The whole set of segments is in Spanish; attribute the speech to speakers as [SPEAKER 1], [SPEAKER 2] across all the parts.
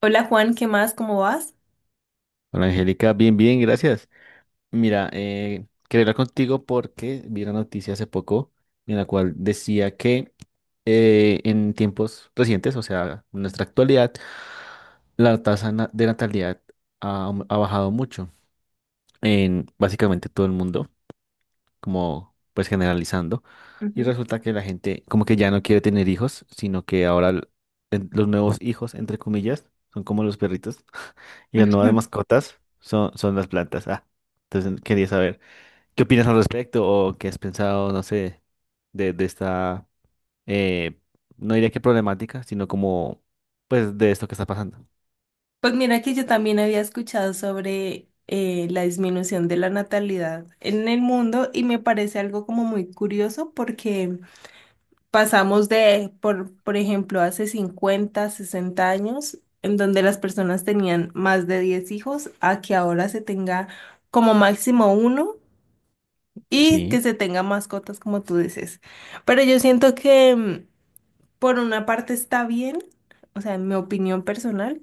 [SPEAKER 1] Hola Juan, ¿qué más? ¿Cómo vas?
[SPEAKER 2] Hola Angélica, bien, bien, gracias. Mira, quería hablar contigo porque vi una noticia hace poco en la cual decía que en tiempos recientes, o sea, en nuestra actualidad, la de natalidad ha bajado mucho en básicamente todo el mundo, como pues generalizando, y
[SPEAKER 1] Ujú.
[SPEAKER 2] resulta que la gente como que ya no quiere tener hijos, sino que ahora los nuevos hijos, entre comillas, son como los perritos, y las nuevas mascotas son, son las plantas. Ah, entonces quería saber, ¿qué opinas al respecto o qué has pensado, no sé, de esta, eh, no diría que problemática, sino como, pues, de esto que está pasando?
[SPEAKER 1] Pues mira que yo también había escuchado sobre la disminución de la natalidad en el mundo y me parece algo como muy curioso porque pasamos de, por ejemplo, hace 50, 60 años, en donde las personas tenían más de 10 hijos, a que ahora se tenga como máximo uno y que
[SPEAKER 2] Sí,
[SPEAKER 1] se tenga mascotas, como tú dices. Pero yo siento que... por una parte está bien, o sea, en mi opinión personal,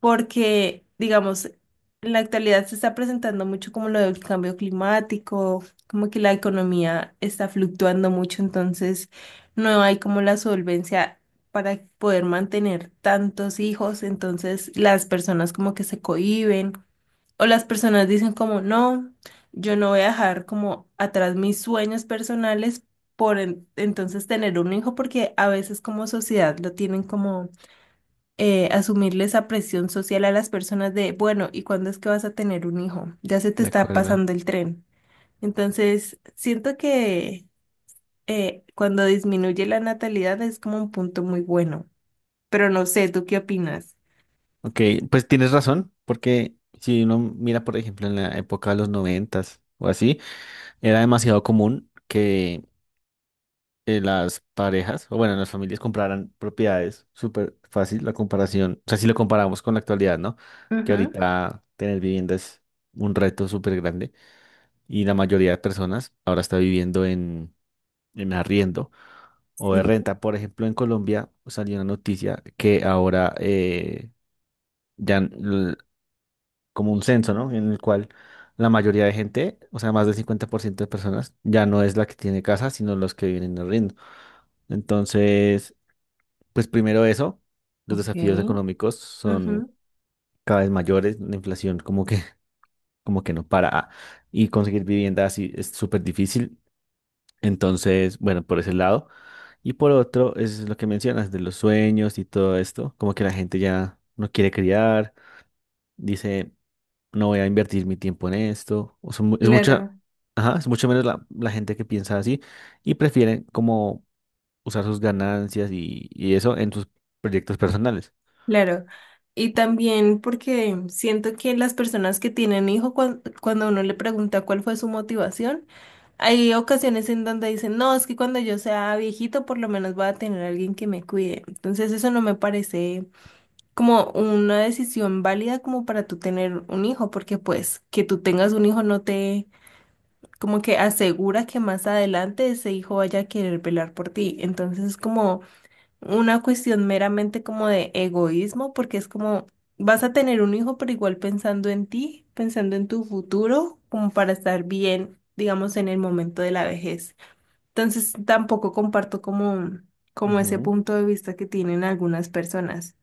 [SPEAKER 1] porque, digamos, en la actualidad se está presentando mucho como lo del cambio climático, como que la economía está fluctuando mucho, entonces no hay como la solvencia para poder mantener tantos hijos, entonces las personas como que se cohíben. O las personas dicen como, no, yo no voy a dejar como atrás mis sueños personales por entonces tener un hijo, porque a veces como sociedad lo tienen como asumirle esa presión social a las personas de, bueno, ¿y cuándo es que vas a tener un hijo? Ya se te
[SPEAKER 2] de
[SPEAKER 1] está
[SPEAKER 2] acuerdo.
[SPEAKER 1] pasando el tren. Entonces, siento que cuando disminuye la natalidad es como un punto muy bueno, pero no sé, ¿tú qué opinas?
[SPEAKER 2] Ok, pues tienes razón, porque si uno mira, por ejemplo, en la época de los noventas o así, era demasiado común que las parejas, o bueno, las familias compraran propiedades. Súper fácil la comparación. O sea, si lo comparamos con la actualidad, ¿no? Que
[SPEAKER 1] Ujú,
[SPEAKER 2] ahorita tener vivienda es un reto súper grande. Y la mayoría de personas ahora está viviendo en arriendo o de
[SPEAKER 1] sí,
[SPEAKER 2] renta. Por ejemplo, en Colombia salió una noticia que ahora ya l- como un censo, ¿no? En el cual la mayoría de gente, o sea, más del 50% de personas, ya no es la que tiene casa, sino los que viven en arriendo. Entonces, pues primero eso, los
[SPEAKER 1] ok,
[SPEAKER 2] desafíos económicos
[SPEAKER 1] ujú,
[SPEAKER 2] son cada vez mayores, la inflación como que, como que no para ah, y conseguir vivienda así es súper difícil. Entonces, bueno, por ese lado. Y por otro, es lo que mencionas de los sueños y todo esto, como que la gente ya no quiere criar, dice, no voy a invertir mi tiempo en esto. O sea, es mucha,
[SPEAKER 1] Lara.
[SPEAKER 2] ajá, es mucho menos la gente que piensa así y prefieren como usar sus ganancias y eso en sus proyectos personales.
[SPEAKER 1] Claro, y también porque siento que las personas que tienen hijo, cuando uno le pregunta cuál fue su motivación, hay ocasiones en donde dicen, no, es que cuando yo sea viejito por lo menos voy a tener a alguien que me cuide. Entonces eso no me parece como una decisión válida como para tú tener un hijo, porque pues que tú tengas un hijo no te como que asegura que más adelante ese hijo vaya a querer velar por ti. Entonces es como una cuestión meramente como de egoísmo, porque es como vas a tener un hijo, pero igual pensando en ti, pensando en tu futuro, como para estar bien, digamos, en el momento de la vejez. Entonces, tampoco comparto como, como ese
[SPEAKER 2] Ujú.
[SPEAKER 1] punto de vista que tienen algunas personas,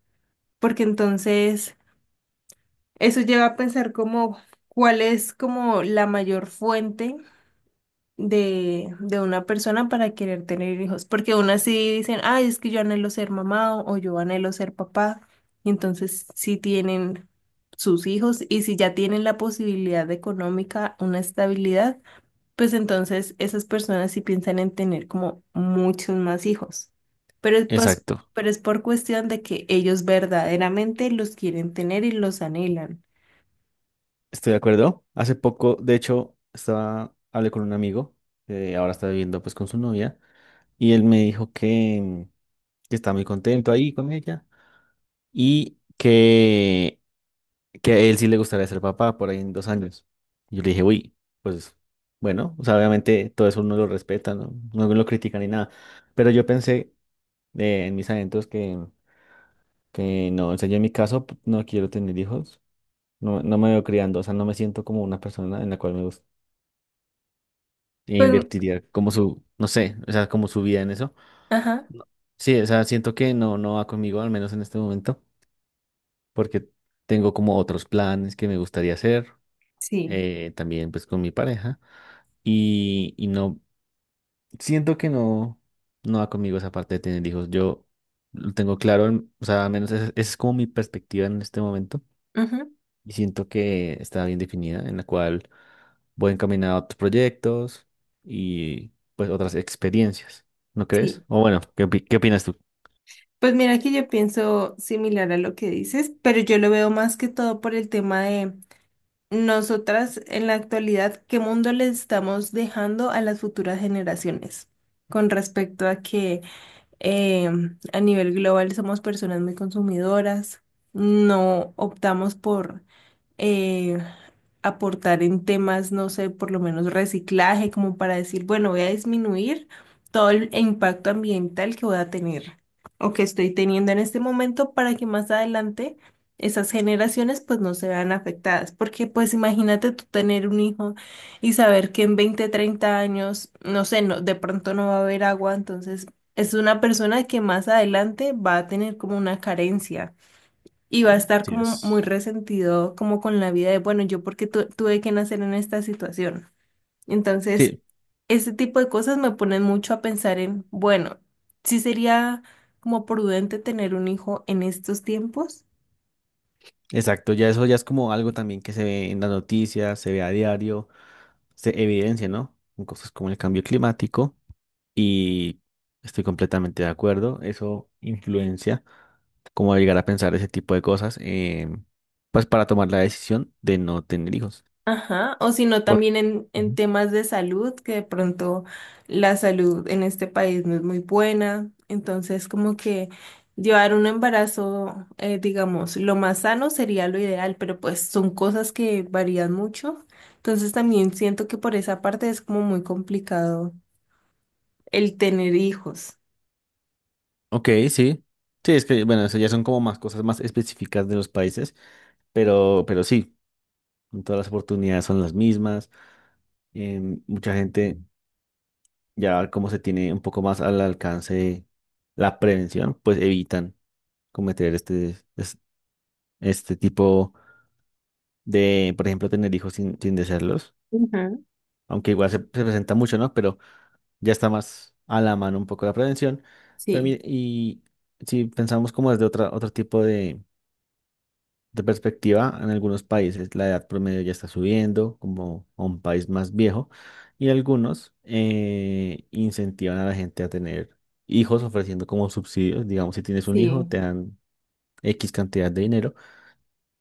[SPEAKER 1] porque entonces eso lleva a pensar como cuál es como la mayor fuente de una persona para querer tener hijos, porque aún así dicen, ay, es que yo anhelo ser mamá o yo anhelo ser papá, y entonces sí tienen sus hijos y si ya tienen la posibilidad económica, una estabilidad, pues entonces esas personas sí piensan en tener como muchos más hijos, pero es pues,
[SPEAKER 2] Exacto.
[SPEAKER 1] pero es por cuestión de que ellos verdaderamente los quieren tener y los anhelan.
[SPEAKER 2] Estoy de acuerdo. Hace poco, de hecho, estaba, hablé con un amigo que ahora está viviendo pues con su novia y él me dijo que está muy contento ahí con ella y que a él sí le gustaría ser papá por ahí en 2 años. Y yo le dije, uy, pues bueno, o sea, obviamente todo eso uno lo respeta, no, no lo critica ni nada, pero yo pensé en mis adentros que no, o sea, yo en mi caso no quiero tener hijos, no, no me veo criando, o sea, no me siento como una persona en la cual me gusta,
[SPEAKER 1] Pues,
[SPEAKER 2] invertiría como su, no sé, o sea, como su vida en eso.
[SPEAKER 1] ajá,
[SPEAKER 2] No. Sí, o sea, siento que no, no va conmigo, al menos en este momento, porque tengo como otros planes que me gustaría hacer,
[SPEAKER 1] sí,
[SPEAKER 2] también pues con mi pareja, y no, siento que no, no va conmigo esa parte de tener hijos, yo lo tengo claro, en- o sea, al menos esa es como mi perspectiva en este momento
[SPEAKER 1] ujú,
[SPEAKER 2] y siento que está bien definida, en la cual voy encaminado a otros proyectos y pues otras experiencias, ¿no crees?
[SPEAKER 1] sí.
[SPEAKER 2] O bueno, ¿qué, qué opinas tú?
[SPEAKER 1] Pues mira que yo pienso similar a lo que dices, pero yo lo veo más que todo por el tema de nosotras en la actualidad, qué mundo le estamos dejando a las futuras generaciones con respecto a que eh, a nivel global somos personas muy consumidoras, no optamos por eh, aportar en temas, no sé, por lo menos reciclaje, como para decir, bueno, voy a disminuir todo el impacto ambiental que voy a tener o que estoy teniendo en este momento para que más adelante esas generaciones pues no se vean afectadas. Porque pues imagínate tú tener un hijo y saber que en 20, 30 años, no sé, no, de pronto no va a haber agua, entonces es una persona que más adelante va a tener como una carencia. Y va a estar
[SPEAKER 2] Sí
[SPEAKER 1] como muy
[SPEAKER 2] es.
[SPEAKER 1] resentido, como con la vida de, bueno, yo porque tuve que nacer en esta situación. Entonces,
[SPEAKER 2] Sí,
[SPEAKER 1] ese tipo de cosas me ponen mucho a pensar en, bueno, ¿si sería como prudente tener un hijo en estos tiempos?
[SPEAKER 2] exacto, ya eso ya es como algo también que se ve en las noticias, se ve a diario, se evidencia, ¿no? En cosas como el cambio climático y estoy completamente de acuerdo, eso influencia como a llegar a pensar ese tipo de cosas, pues para tomar la decisión de no tener hijos.
[SPEAKER 1] Ajá, o si no,
[SPEAKER 2] Por-
[SPEAKER 1] también en
[SPEAKER 2] Ujú.
[SPEAKER 1] temas de salud, que de pronto la salud en este país no es muy buena, entonces como que llevar un embarazo, digamos, lo más sano sería lo ideal, pero pues son cosas que varían mucho, entonces también siento que por esa parte es como muy complicado el tener hijos.
[SPEAKER 2] Ok, sí. Sí, es que, bueno, eso ya son como más cosas más específicas de los países, pero sí, todas las oportunidades son las mismas. Mucha gente, ya como se tiene un poco más al alcance la prevención, pues evitan cometer este, este tipo de, por ejemplo, tener hijos sin, sin desearlos,
[SPEAKER 1] Ujú.
[SPEAKER 2] aunque igual se, se presenta mucho, ¿no? Pero ya está más a la mano un poco la prevención. Pero,
[SPEAKER 1] Sí,
[SPEAKER 2] y si pensamos como desde otra, otro tipo de perspectiva, en algunos países la edad promedio ya está subiendo, como a un país más viejo, y algunos incentivan a la gente a tener hijos ofreciendo como subsidios. Digamos, si tienes un hijo,
[SPEAKER 1] sí,
[SPEAKER 2] te dan X cantidad de dinero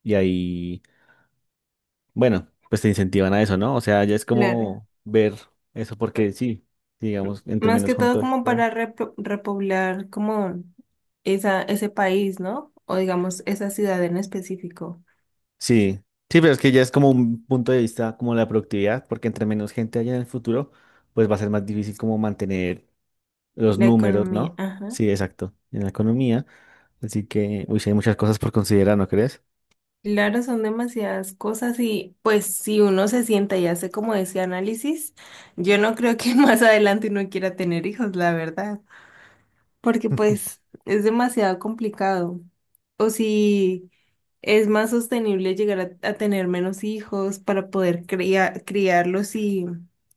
[SPEAKER 2] y ahí, bueno, pues te incentivan a eso, ¿no? O sea, ya es
[SPEAKER 1] claro.
[SPEAKER 2] como ver eso porque sí, digamos, entre
[SPEAKER 1] Más que
[SPEAKER 2] menos
[SPEAKER 1] todo como
[SPEAKER 2] contagio.
[SPEAKER 1] para repoblar como esa, ese país, ¿no? O digamos, esa ciudad en específico,
[SPEAKER 2] Sí, sí, pero es que ya es como un punto de vista como la productividad, porque entre menos gente haya en el futuro, pues va a ser más difícil como mantener los
[SPEAKER 1] la
[SPEAKER 2] números,
[SPEAKER 1] economía,
[SPEAKER 2] ¿no?
[SPEAKER 1] ajá.
[SPEAKER 2] Sí, exacto, en la economía. Así que, uy, sí, hay muchas cosas por considerar, ¿no crees?
[SPEAKER 1] Claro, son demasiadas cosas y pues si uno se sienta y hace como ese análisis, yo no creo que más adelante uno quiera tener hijos, la verdad. Porque pues es demasiado complicado. O si es más sostenible llegar a tener menos hijos para poder criarlos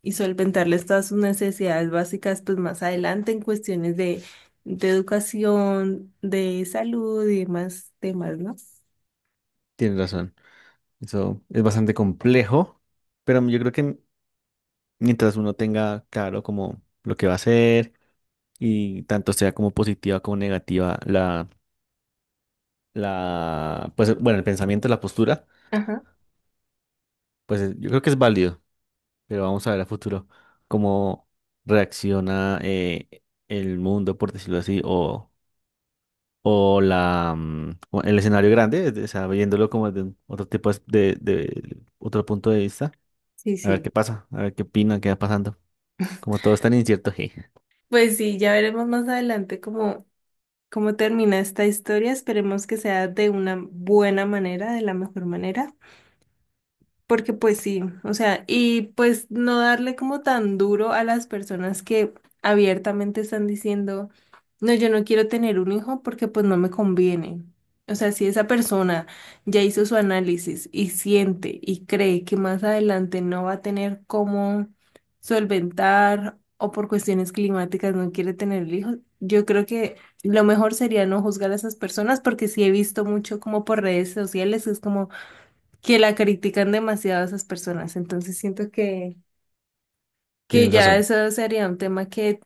[SPEAKER 1] y solventarles todas sus necesidades básicas, pues más adelante en cuestiones de educación, de salud y demás temas, ¿no?
[SPEAKER 2] Tienes razón. Eso es bastante complejo, pero yo creo que mientras uno tenga claro como lo que va a hacer y tanto sea como positiva como negativa la, pues bueno, el pensamiento, la postura,
[SPEAKER 1] Ajá,
[SPEAKER 2] pues yo creo que es válido, pero vamos a ver a futuro cómo reacciona el mundo, por decirlo así, o la, mm, o el escenario grande, de- o sea, viéndolo como de un- otro tipo de otro punto de vista,
[SPEAKER 1] sí,
[SPEAKER 2] a ver
[SPEAKER 1] sí.
[SPEAKER 2] qué pasa, a ver qué opinan, qué va pasando. Como todo es tan incierto, je.
[SPEAKER 1] Pues sí, ya veremos más adelante cómo, cómo termina esta historia. Esperemos que sea de una buena manera, de la mejor manera. Porque pues sí, o sea, y pues no darle como tan duro a las personas que abiertamente están diciendo, no, yo no quiero tener un hijo porque pues no me conviene. O sea, si esa persona ya hizo su análisis y siente y cree que más adelante no va a tener cómo solventar o por cuestiones climáticas no quiere tener el hijo, yo creo que lo mejor sería no juzgar a esas personas porque sí he visto mucho como por redes sociales, es como que la critican demasiado a esas personas. Entonces siento que
[SPEAKER 2] Tienes
[SPEAKER 1] ya
[SPEAKER 2] razón,
[SPEAKER 1] eso sería un tema que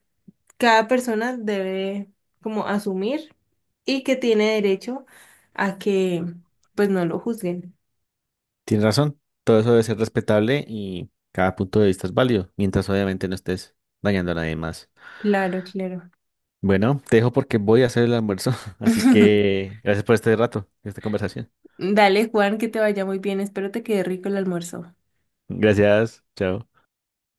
[SPEAKER 1] cada persona debe como asumir y que tiene derecho a que pues no lo juzguen.
[SPEAKER 2] tienes razón. Todo eso debe ser respetable y cada punto de vista es válido, mientras obviamente no estés dañando a nadie más.
[SPEAKER 1] Claro, claro.
[SPEAKER 2] Bueno, te dejo porque voy a hacer el almuerzo, así que gracias por este rato, esta conversación.
[SPEAKER 1] Dale, Juan, que te vaya muy bien. Espero te quede rico el almuerzo.
[SPEAKER 2] Gracias, chao.